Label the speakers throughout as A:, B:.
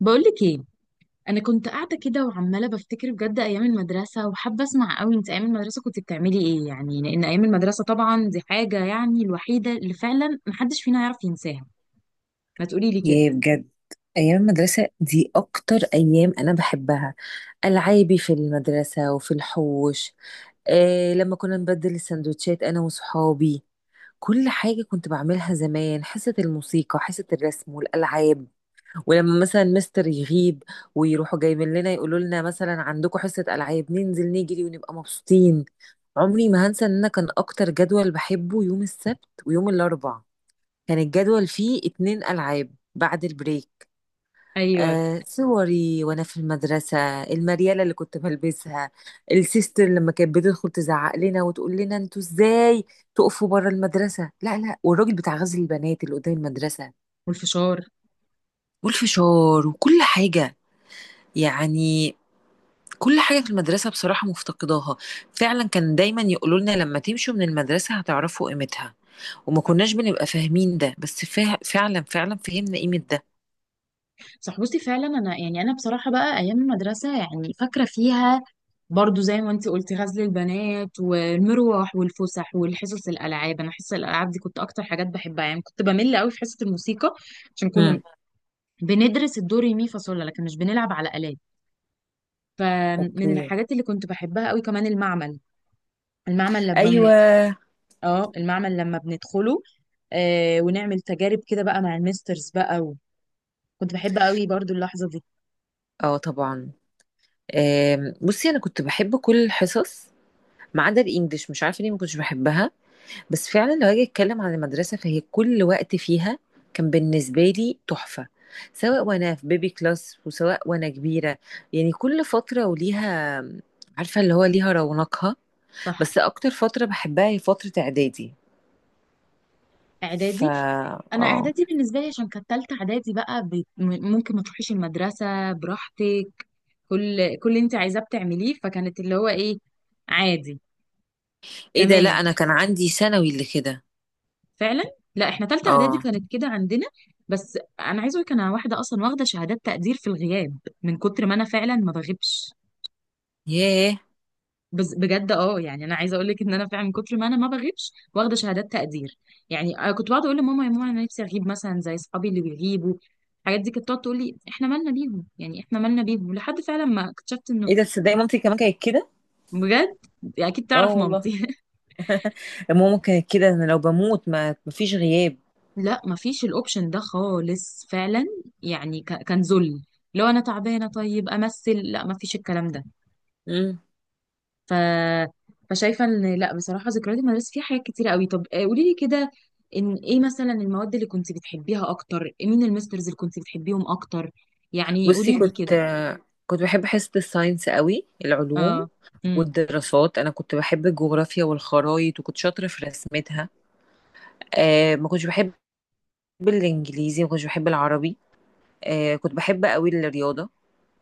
A: بقولك ايه، انا كنت قاعده كده وعماله بفتكر بجد ايام المدرسه وحابه اسمع قوي. انت ايام المدرسه كنت بتعملي ايه؟ يعني لان ايام المدرسه طبعا دي حاجه يعني الوحيده اللي فعلا محدش فينا يعرف ينساها. ما تقولي لي كده.
B: ياه، بجد. أيام المدرسة دي أكتر أيام أنا بحبها. ألعابي في المدرسة وفي الحوش. آه، لما كنا نبدل السندوتشات أنا وصحابي. كل حاجة كنت بعملها زمان، حصة الموسيقى، حصة الرسم والألعاب. ولما مثلا مستر يغيب ويروحوا جايبين لنا يقولوا لنا مثلا عندكم حصة ألعاب، ننزل نجري ونبقى مبسوطين. عمري ما هنسى إن أنا كان أكتر جدول بحبه يوم السبت ويوم الأربع. كان الجدول فيه اتنين ألعاب بعد البريك.
A: ايوه.
B: آه، صوري وانا في المدرسه، المرياله اللي كنت بلبسها. السيستر لما كانت بتدخل تزعق لنا وتقول لنا انتوا ازاي تقفوا بره المدرسه، لا لا. والراجل بتاع غزل البنات اللي قدام المدرسه،
A: والفشار.
B: والفشار وكل حاجه. يعني كل حاجه في المدرسه بصراحه مفتقداها. فعلا كان دايما يقولوا لنا لما تمشوا من المدرسه هتعرفوا قيمتها، وما
A: صح.
B: كناش بنبقى فاهمين ده. بس فعلا فعلا فهمنا قيمه ده.
A: صح، بصي فعلا انا يعني انا بصراحه بقى ايام المدرسه يعني فاكره فيها. برضو زي ما انت قلتي، غزل البنات والمروح والفسح والحصص الالعاب. انا حصص الالعاب دي كنت اكتر حاجات بحبها، يعني كنت بمل قوي في حصه الموسيقى عشان كنا
B: مم.
A: بندرس الدو ري مي فا صول لا، لكن مش بنلعب على آلات. فمن
B: اوكي.
A: الحاجات اللي كنت بحبها قوي كمان المعمل. المعمل لما بن-
B: ايوه.
A: اه، المعمل لما بندخله، آه ونعمل تجارب كده بقى مع المسترز بقى. كنت بحب قوي برضو اللحظة دي.
B: اه طبعا. بصي انا كنت بحب كل الحصص ما عدا الانجليش، مش عارفه ليه ما كنتش بحبها. بس فعلا لو هاجي اتكلم عن المدرسه، فهي كل وقت فيها كان بالنسبه لي تحفه. سواء وانا في بيبي كلاس وسواء وانا كبيره، يعني كل فتره وليها، عارفه اللي هو ليها رونقها.
A: صح.
B: بس اكتر فتره بحبها هي فتره اعدادي.
A: اعدادي.
B: فا
A: انا
B: اه.
A: اعدادي بالنسبه لي عشان كانت تالته اعدادي بقى ممكن ما تروحيش المدرسه براحتك. كل اللي انت عايزاه بتعمليه، فكانت اللي هو ايه، عادي،
B: ايه ده، لا
A: تمام.
B: انا كان عندي ثانوي اللي كده.
A: فعلا. لا، احنا تالتة اعدادي
B: اه.
A: كانت كده عندنا. بس انا عايزه اقولك انا واحده اصلا واخده شهادات تقدير في الغياب من كتر ما انا فعلا ما بغيبش.
B: ياه.
A: بس بجد، اه يعني انا عايزه اقول لك ان انا فعلا من كتر ما انا ما بغيبش واخده شهادات تقدير. يعني أنا كنت بقعد اقول لماما، يا ماما انا نفسي اغيب مثلا زي اصحابي اللي بيغيبوا الحاجات دي. كانت بتقعد تقول لي احنا مالنا بيهم، يعني احنا مالنا بيهم، لحد فعلا ما اكتشفت انه...
B: ايه ده، تصدقي مامتي كمان كانت كده.
A: بجد. يعني اكيد
B: اه
A: تعرف
B: والله.
A: مامتي.
B: ماما كانت كده، انا لو بموت ما مفيش غياب.
A: لا مفيش الاوبشن ده خالص فعلا. يعني ك- كان ذل لو انا تعبانه طيب امثل، لا مفيش الكلام ده.
B: مم.
A: ف فشايفه ان لا بصراحه ذكريات المدرسه فيها حاجات كتيره قوي. طب، قولي لي كده ان ايه مثلا المواد اللي كنت بتحبيها اكتر؟ مين المسترز اللي كنت بتحبيهم اكتر؟ يعني
B: بصي،
A: قولي لي
B: كنت
A: كده.
B: كنت بحب حصة الساينس قوي، العلوم
A: اه. امم.
B: والدراسات. انا كنت بحب الجغرافيا والخرايط وكنت شاطرة في رسمتها. آه، ما كنتش بحب الانجليزي، ما كنتش بحب العربي. آه، كنت بحب قوي الرياضة.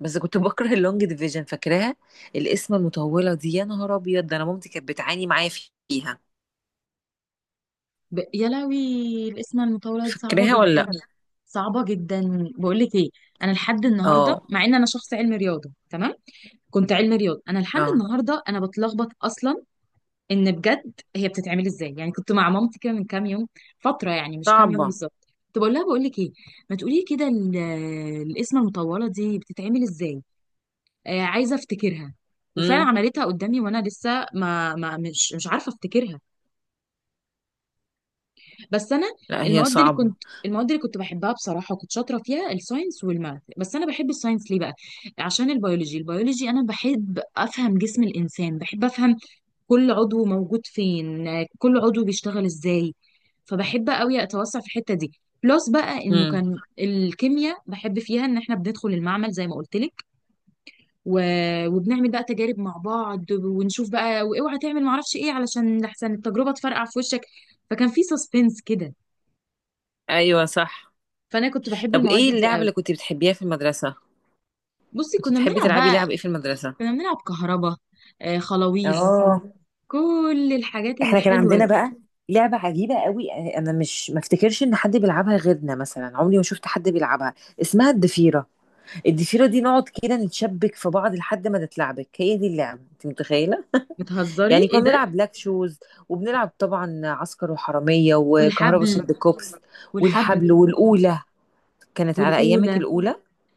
B: بس كنت بكره اللونج ديفيجن، فاكراها؟ القسمة المطولة دي، يا نهار ابيض، ده انا مامتي كانت بتعاني معايا فيها.
A: يا لهوي، الاسم المطوله دي صعبه
B: فاكراها ولا
A: جدا.
B: لا؟
A: صعبه جدا. بقول لك ايه، انا لحد النهارده
B: اه.
A: مع ان انا شخص علمي رياضه، تمام، كنت علمي رياضة، انا لحد
B: اه
A: النهارده انا بتلخبط اصلا ان بجد هي بتتعمل ازاي. يعني كنت مع مامتي كده من كام يوم، فترة يعني مش كام يوم
B: صعبة.
A: بالظبط، كنت بقول لها بقول لك ايه، ما تقولي لي كده، القسمة المطولة دي بتتعمل ازاي. آه عايزة افتكرها. وفعلا
B: امم.
A: عملتها قدامي وانا لسه ما مش عارفة افتكرها. بس انا
B: لا هي صعبة.
A: المواد اللي كنت بحبها بصراحة وكنت شاطرة فيها الساينس والماث. بس انا بحب الساينس ليه بقى؟ عشان البيولوجي. انا بحب افهم جسم الانسان، بحب افهم كل عضو موجود فين، كل عضو بيشتغل ازاي. فبحب قوي اتوسع في الحته دي. بلس بقى انه
B: امم.
A: كان الكيمياء بحب فيها ان احنا بندخل المعمل زي ما قلت لك و... وبنعمل بقى تجارب مع بعض، ونشوف بقى، واوعى تعمل معرفش ايه علشان لحسن التجربه تفرقع في وشك. فكان في سسبنس كده.
B: ايوه صح.
A: فانا كنت بحب
B: طب
A: المواد
B: ايه
A: دي
B: اللعبة
A: قوي.
B: اللي كنت بتحبيها في المدرسة؟
A: بصي
B: كنت
A: كنا
B: بتحبي
A: بنلعب
B: تلعبي
A: بقى،
B: لعب ايه في المدرسة؟
A: كنا بنلعب كهربا، آه خلاويص،
B: اه.
A: كل الحاجات
B: احنا كان
A: الحلوه
B: عندنا
A: دي.
B: بقى لعبة عجيبة قوي، انا مش ما افتكرش ان حد بيلعبها غيرنا، مثلا عمري ما شفت حد بيلعبها. اسمها الضفيرة. الضفيرة دي نقعد كده نتشبك في بعض لحد ما نتلعبك، هي دي اللعبة انت متخيلة؟
A: بتهزري،
B: يعني
A: ايه
B: كنا
A: ده.
B: بنلعب بلاك شوز، وبنلعب طبعا عسكر وحرامية وكهربا
A: والحبل.
B: شد كوبس،
A: والحبل
B: والحبل والأولى. كانت على ايامك
A: والأولى.
B: الأولى؟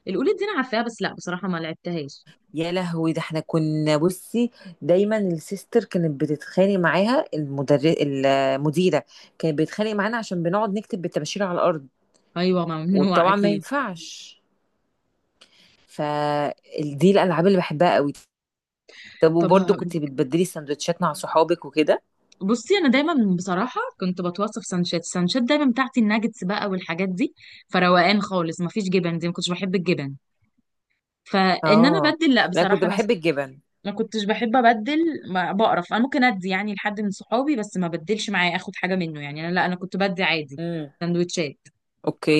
A: القلوب دي انا عارفاها، بس لا بصراحه ما لعبتهاش.
B: يا لهوي، ده احنا كنا، بصي دايما السيستر كانت بتتخانق معاها المدرس، المديره كانت بتتخانق معانا عشان بنقعد نكتب بالطباشير على الارض،
A: ايوه ممنوع
B: وطبعا ما
A: اكيد.
B: ينفعش. فدي الالعاب اللي بحبها قوي. طب
A: طب
B: وبرضه كنت بتبدلي سندوتشات مع صحابك وكده؟
A: بصي انا دايما بصراحه كنت بتوصف سانشات. السانشات دايما بتاعتي الناجتس بقى والحاجات دي، فروقان خالص، ما فيش جبن، دي ما كنتش بحب الجبن. فان انا
B: اه،
A: ابدل، لا
B: لا كنت
A: بصراحه انا
B: بحب الجبن.
A: ما كنتش بحب ابدل، ما بقرف، انا ممكن ادي يعني لحد من صحابي، بس ما بدلش معايا اخد حاجه منه. يعني انا لا، انا كنت بدي عادي
B: امم.
A: سندوتشات.
B: اوكي.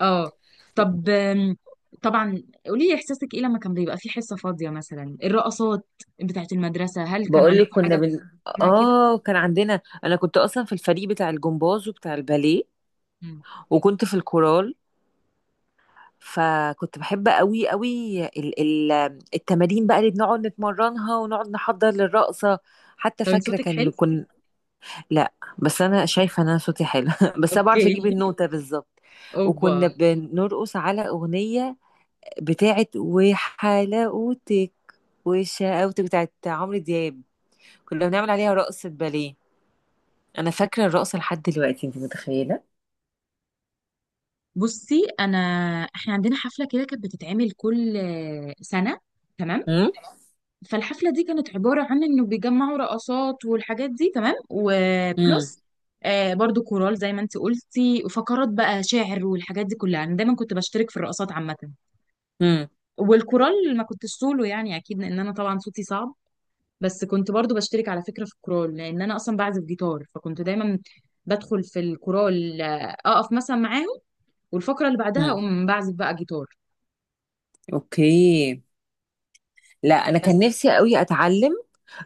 A: اه. طب طبعا قولي لي احساسك ايه لما كان بيبقى في حصه فاضيه؟ مثلا الرقصات بتاعت المدرسه، هل كان
B: بقول لك
A: عندكم
B: كنا
A: حاجه
B: بن
A: اسمها كده؟
B: اه، كان عندنا، انا كنت اصلا في الفريق بتاع الجمباز وبتاع الباليه
A: مم.
B: وكنت في الكورال. فكنت بحب قوي قوي التمارين بقى اللي بنقعد نتمرنها، ونقعد نحضر للرقصة. حتى
A: طب انت
B: فاكرة
A: صوتك حلو.
B: كان كن لا، بس أنا شايفة إن أنا صوتي حلو بس أنا بعرف أجيب
A: اوكي.
B: النوتة بالظبط. وكنا
A: اوبا.
B: بنرقص على أغنية بتاعت وحلاوتك وشقاوتك بتاعت عمرو دياب. كنا بنعمل عليها رقصة باليه. أنا فاكرة الرقصة لحد دلوقتي، أنت متخيلة؟
A: بصي انا، احنا عندنا حفله كده كانت بتتعمل كل سنه، تمام.
B: امم.
A: فالحفله دي كانت عباره عن انه بيجمعوا رقصات والحاجات دي، تمام،
B: امم.
A: وبلس آه برضو كورال زي ما انت قلتي، وفقرات بقى شعر والحاجات دي كلها. انا دايما كنت بشترك في الرقصات عامه، والكورال ما كنتش سولو يعني اكيد، لان انا طبعا صوتي صعب. بس كنت برضو بشترك على فكره في الكورال لان انا اصلا بعزف جيتار. فكنت دايما بدخل في الكورال، اقف مثلا معاهم، والفقره اللي بعدها
B: امم.
A: اقوم بعزف بقى جيتار.
B: اوكي. لا انا كان
A: بس.
B: نفسي قوي اتعلم.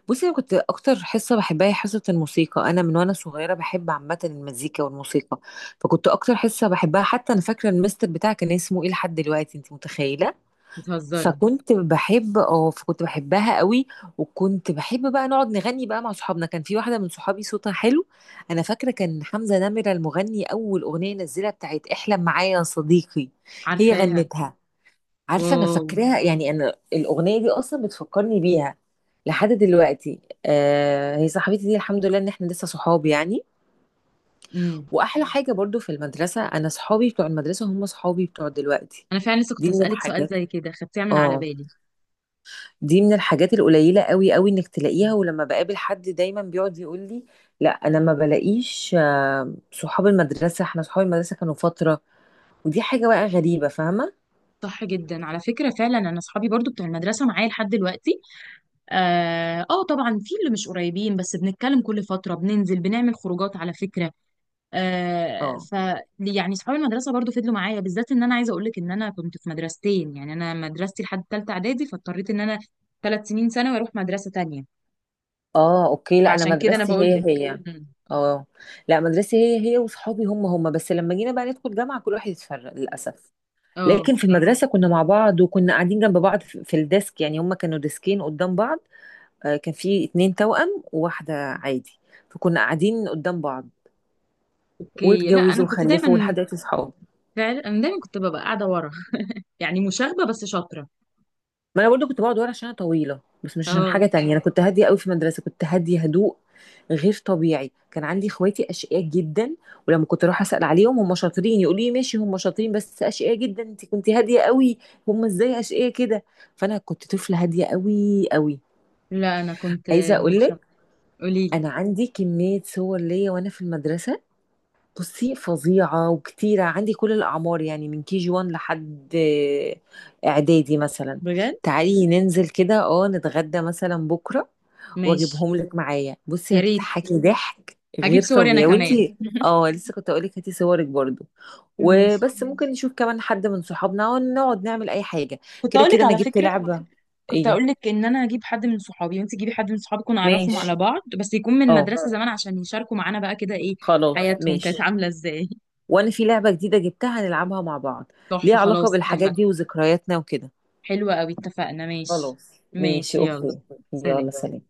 B: بصي انا كنت اكتر حصه بحبها هي حصه الموسيقى. انا من وانا صغيره بحب عامه المزيكا والموسيقى. فكنت اكتر حصه بحبها، حتى انا فاكره المستر بتاعي كان اسمه ايه لحد دلوقتي، انت متخيله؟
A: بتهزري.
B: فكنت بحب فكنت بحبها قوي. وكنت بحب بقى نقعد نغني بقى مع صحابنا، كان في واحده من صحابي صوتها حلو. انا فاكره كان حمزه نمره المغني، اول اغنيه نزلها بتاعت احلم معايا يا صديقي، هي
A: عارفاها.
B: غنتها. عارفة، أنا
A: واو.
B: فاكراها يعني، أنا الأغنية دي أصلا بتفكرني بيها لحد دلوقتي. آه، هي صاحبتي دي الحمد لله إن إحنا لسه صحاب يعني.
A: امم.
B: وأحلى حاجة برضو في المدرسة، أنا صحابي بتوع المدرسة هم صحابي بتوع دلوقتي.
A: انا فعلا لسه كنت
B: دي من
A: هسالك سؤال
B: الحاجات.
A: زي كده، خدتيها من على
B: اه.
A: بالي.
B: دي من الحاجات القليلة قوي قوي إنك تلاقيها. ولما بقابل حد دايما بيقعد يقول لي لا أنا ما بلاقيش، آه صحاب المدرسة. إحنا صحاب المدرسة كانوا فترة، ودي حاجة بقى غريبة، فاهمة؟
A: صح جدا على فكره، فعلا انا اصحابي برضو بتوع المدرسه معايا لحد دلوقتي. اه، طبعا في اللي مش قريبين بس بنتكلم كل فتره، بننزل بنعمل خروجات على فكره. آه.
B: اه.
A: ف يعني صحاب المدرسه برضو فضلوا معايا. بالذات ان انا عايزه اقول لك ان انا كنت في مدرستين. يعني انا مدرستي لحد ثالثه اعدادي، فاضطريت ان انا 3 سنين ثانوي اروح مدرسه تانية.
B: اه. اوكي. لا انا
A: فعشان كده انا
B: مدرستي
A: بقول
B: هي هي،
A: لك.
B: فاهماني؟
A: مم.
B: اه. لا مدرستي هي هي وصحابي هم هم. بس لما جينا بقى ندخل جامعة كل واحد اتفرق للأسف.
A: اه
B: لكن في المدرسة كنا مع بعض وكنا قاعدين جنب بعض في الديسك، يعني هم كانوا ديسكين قدام بعض. آه، كان في اتنين توأم وواحدة عادي، فكنا قاعدين قدام بعض.
A: اوكي. لا انا
B: واتجوزوا
A: كنت
B: وخلفوا،
A: دايما،
B: لحد دلوقتي صحاب.
A: فعلا انا دايما كنت ببقى قاعده ورا. يعني مشاغبه بس شاطره.
B: ما انا برضو كنت بقعد ورا عشان انا طويله، بس مش عشان
A: اه.
B: حاجه تانية. انا كنت هاديه قوي في المدرسه، كنت هاديه هدوء غير طبيعي. كان عندي اخواتي اشقياء جدا، ولما كنت اروح اسال عليهم هم شاطرين يقولوا لي ماشي، هم شاطرين بس اشقياء جدا، انت كنت هاديه قوي. هم ازاي اشقياء كده؟ فانا كنت طفله هاديه قوي قوي.
A: لا انا كنت
B: عايزه اقول
A: مشاغبه.
B: لك،
A: قولي لي.
B: انا عندي كميه صور ليا وانا في المدرسه. بصي فظيعة وكتيرة، عندي كل الأعمار يعني من كي جي 1 لحد إعدادي مثلا.
A: بجد.
B: تعالي ننزل كده نتغدى مثلا بكرة،
A: ماشي.
B: وأجيبهم لك معايا. بصي
A: يا ريت،
B: هتضحكي ضحك
A: هجيب
B: غير
A: صوري انا
B: طبيعي،
A: كمان.
B: وانتي اه لسه كنت أقولك هاتي صورك برضو.
A: ماشي.
B: وبس ممكن نشوف كمان حد من صحابنا ونقعد نعمل أي حاجة.
A: كنت
B: كده
A: اقول لك
B: كده أنا
A: على
B: جبت
A: فكره،
B: لعبة.
A: كنت
B: ايه
A: اقول لك ان انا هجيب حد من صحابي وانت تجيبي حد من صحابك ونعرفهم على
B: ماشي.
A: بعض، بس يكون من
B: اه
A: المدرسه زمان عشان يشاركوا معانا بقى كده، ايه
B: خلاص
A: حياتهم كانت
B: ماشي.
A: عامله ازاي.
B: وانا في لعبة جديدة جبتها هنلعبها مع بعض، ليها
A: تحفه.
B: علاقة
A: خلاص
B: بالحاجات
A: اتفق.
B: دي وذكرياتنا وكده.
A: حلوه قوي، اتفقنا. ماشي.
B: خلاص ماشي.
A: ماشي يلا.
B: اوكي. يلا
A: سلام.
B: سلام.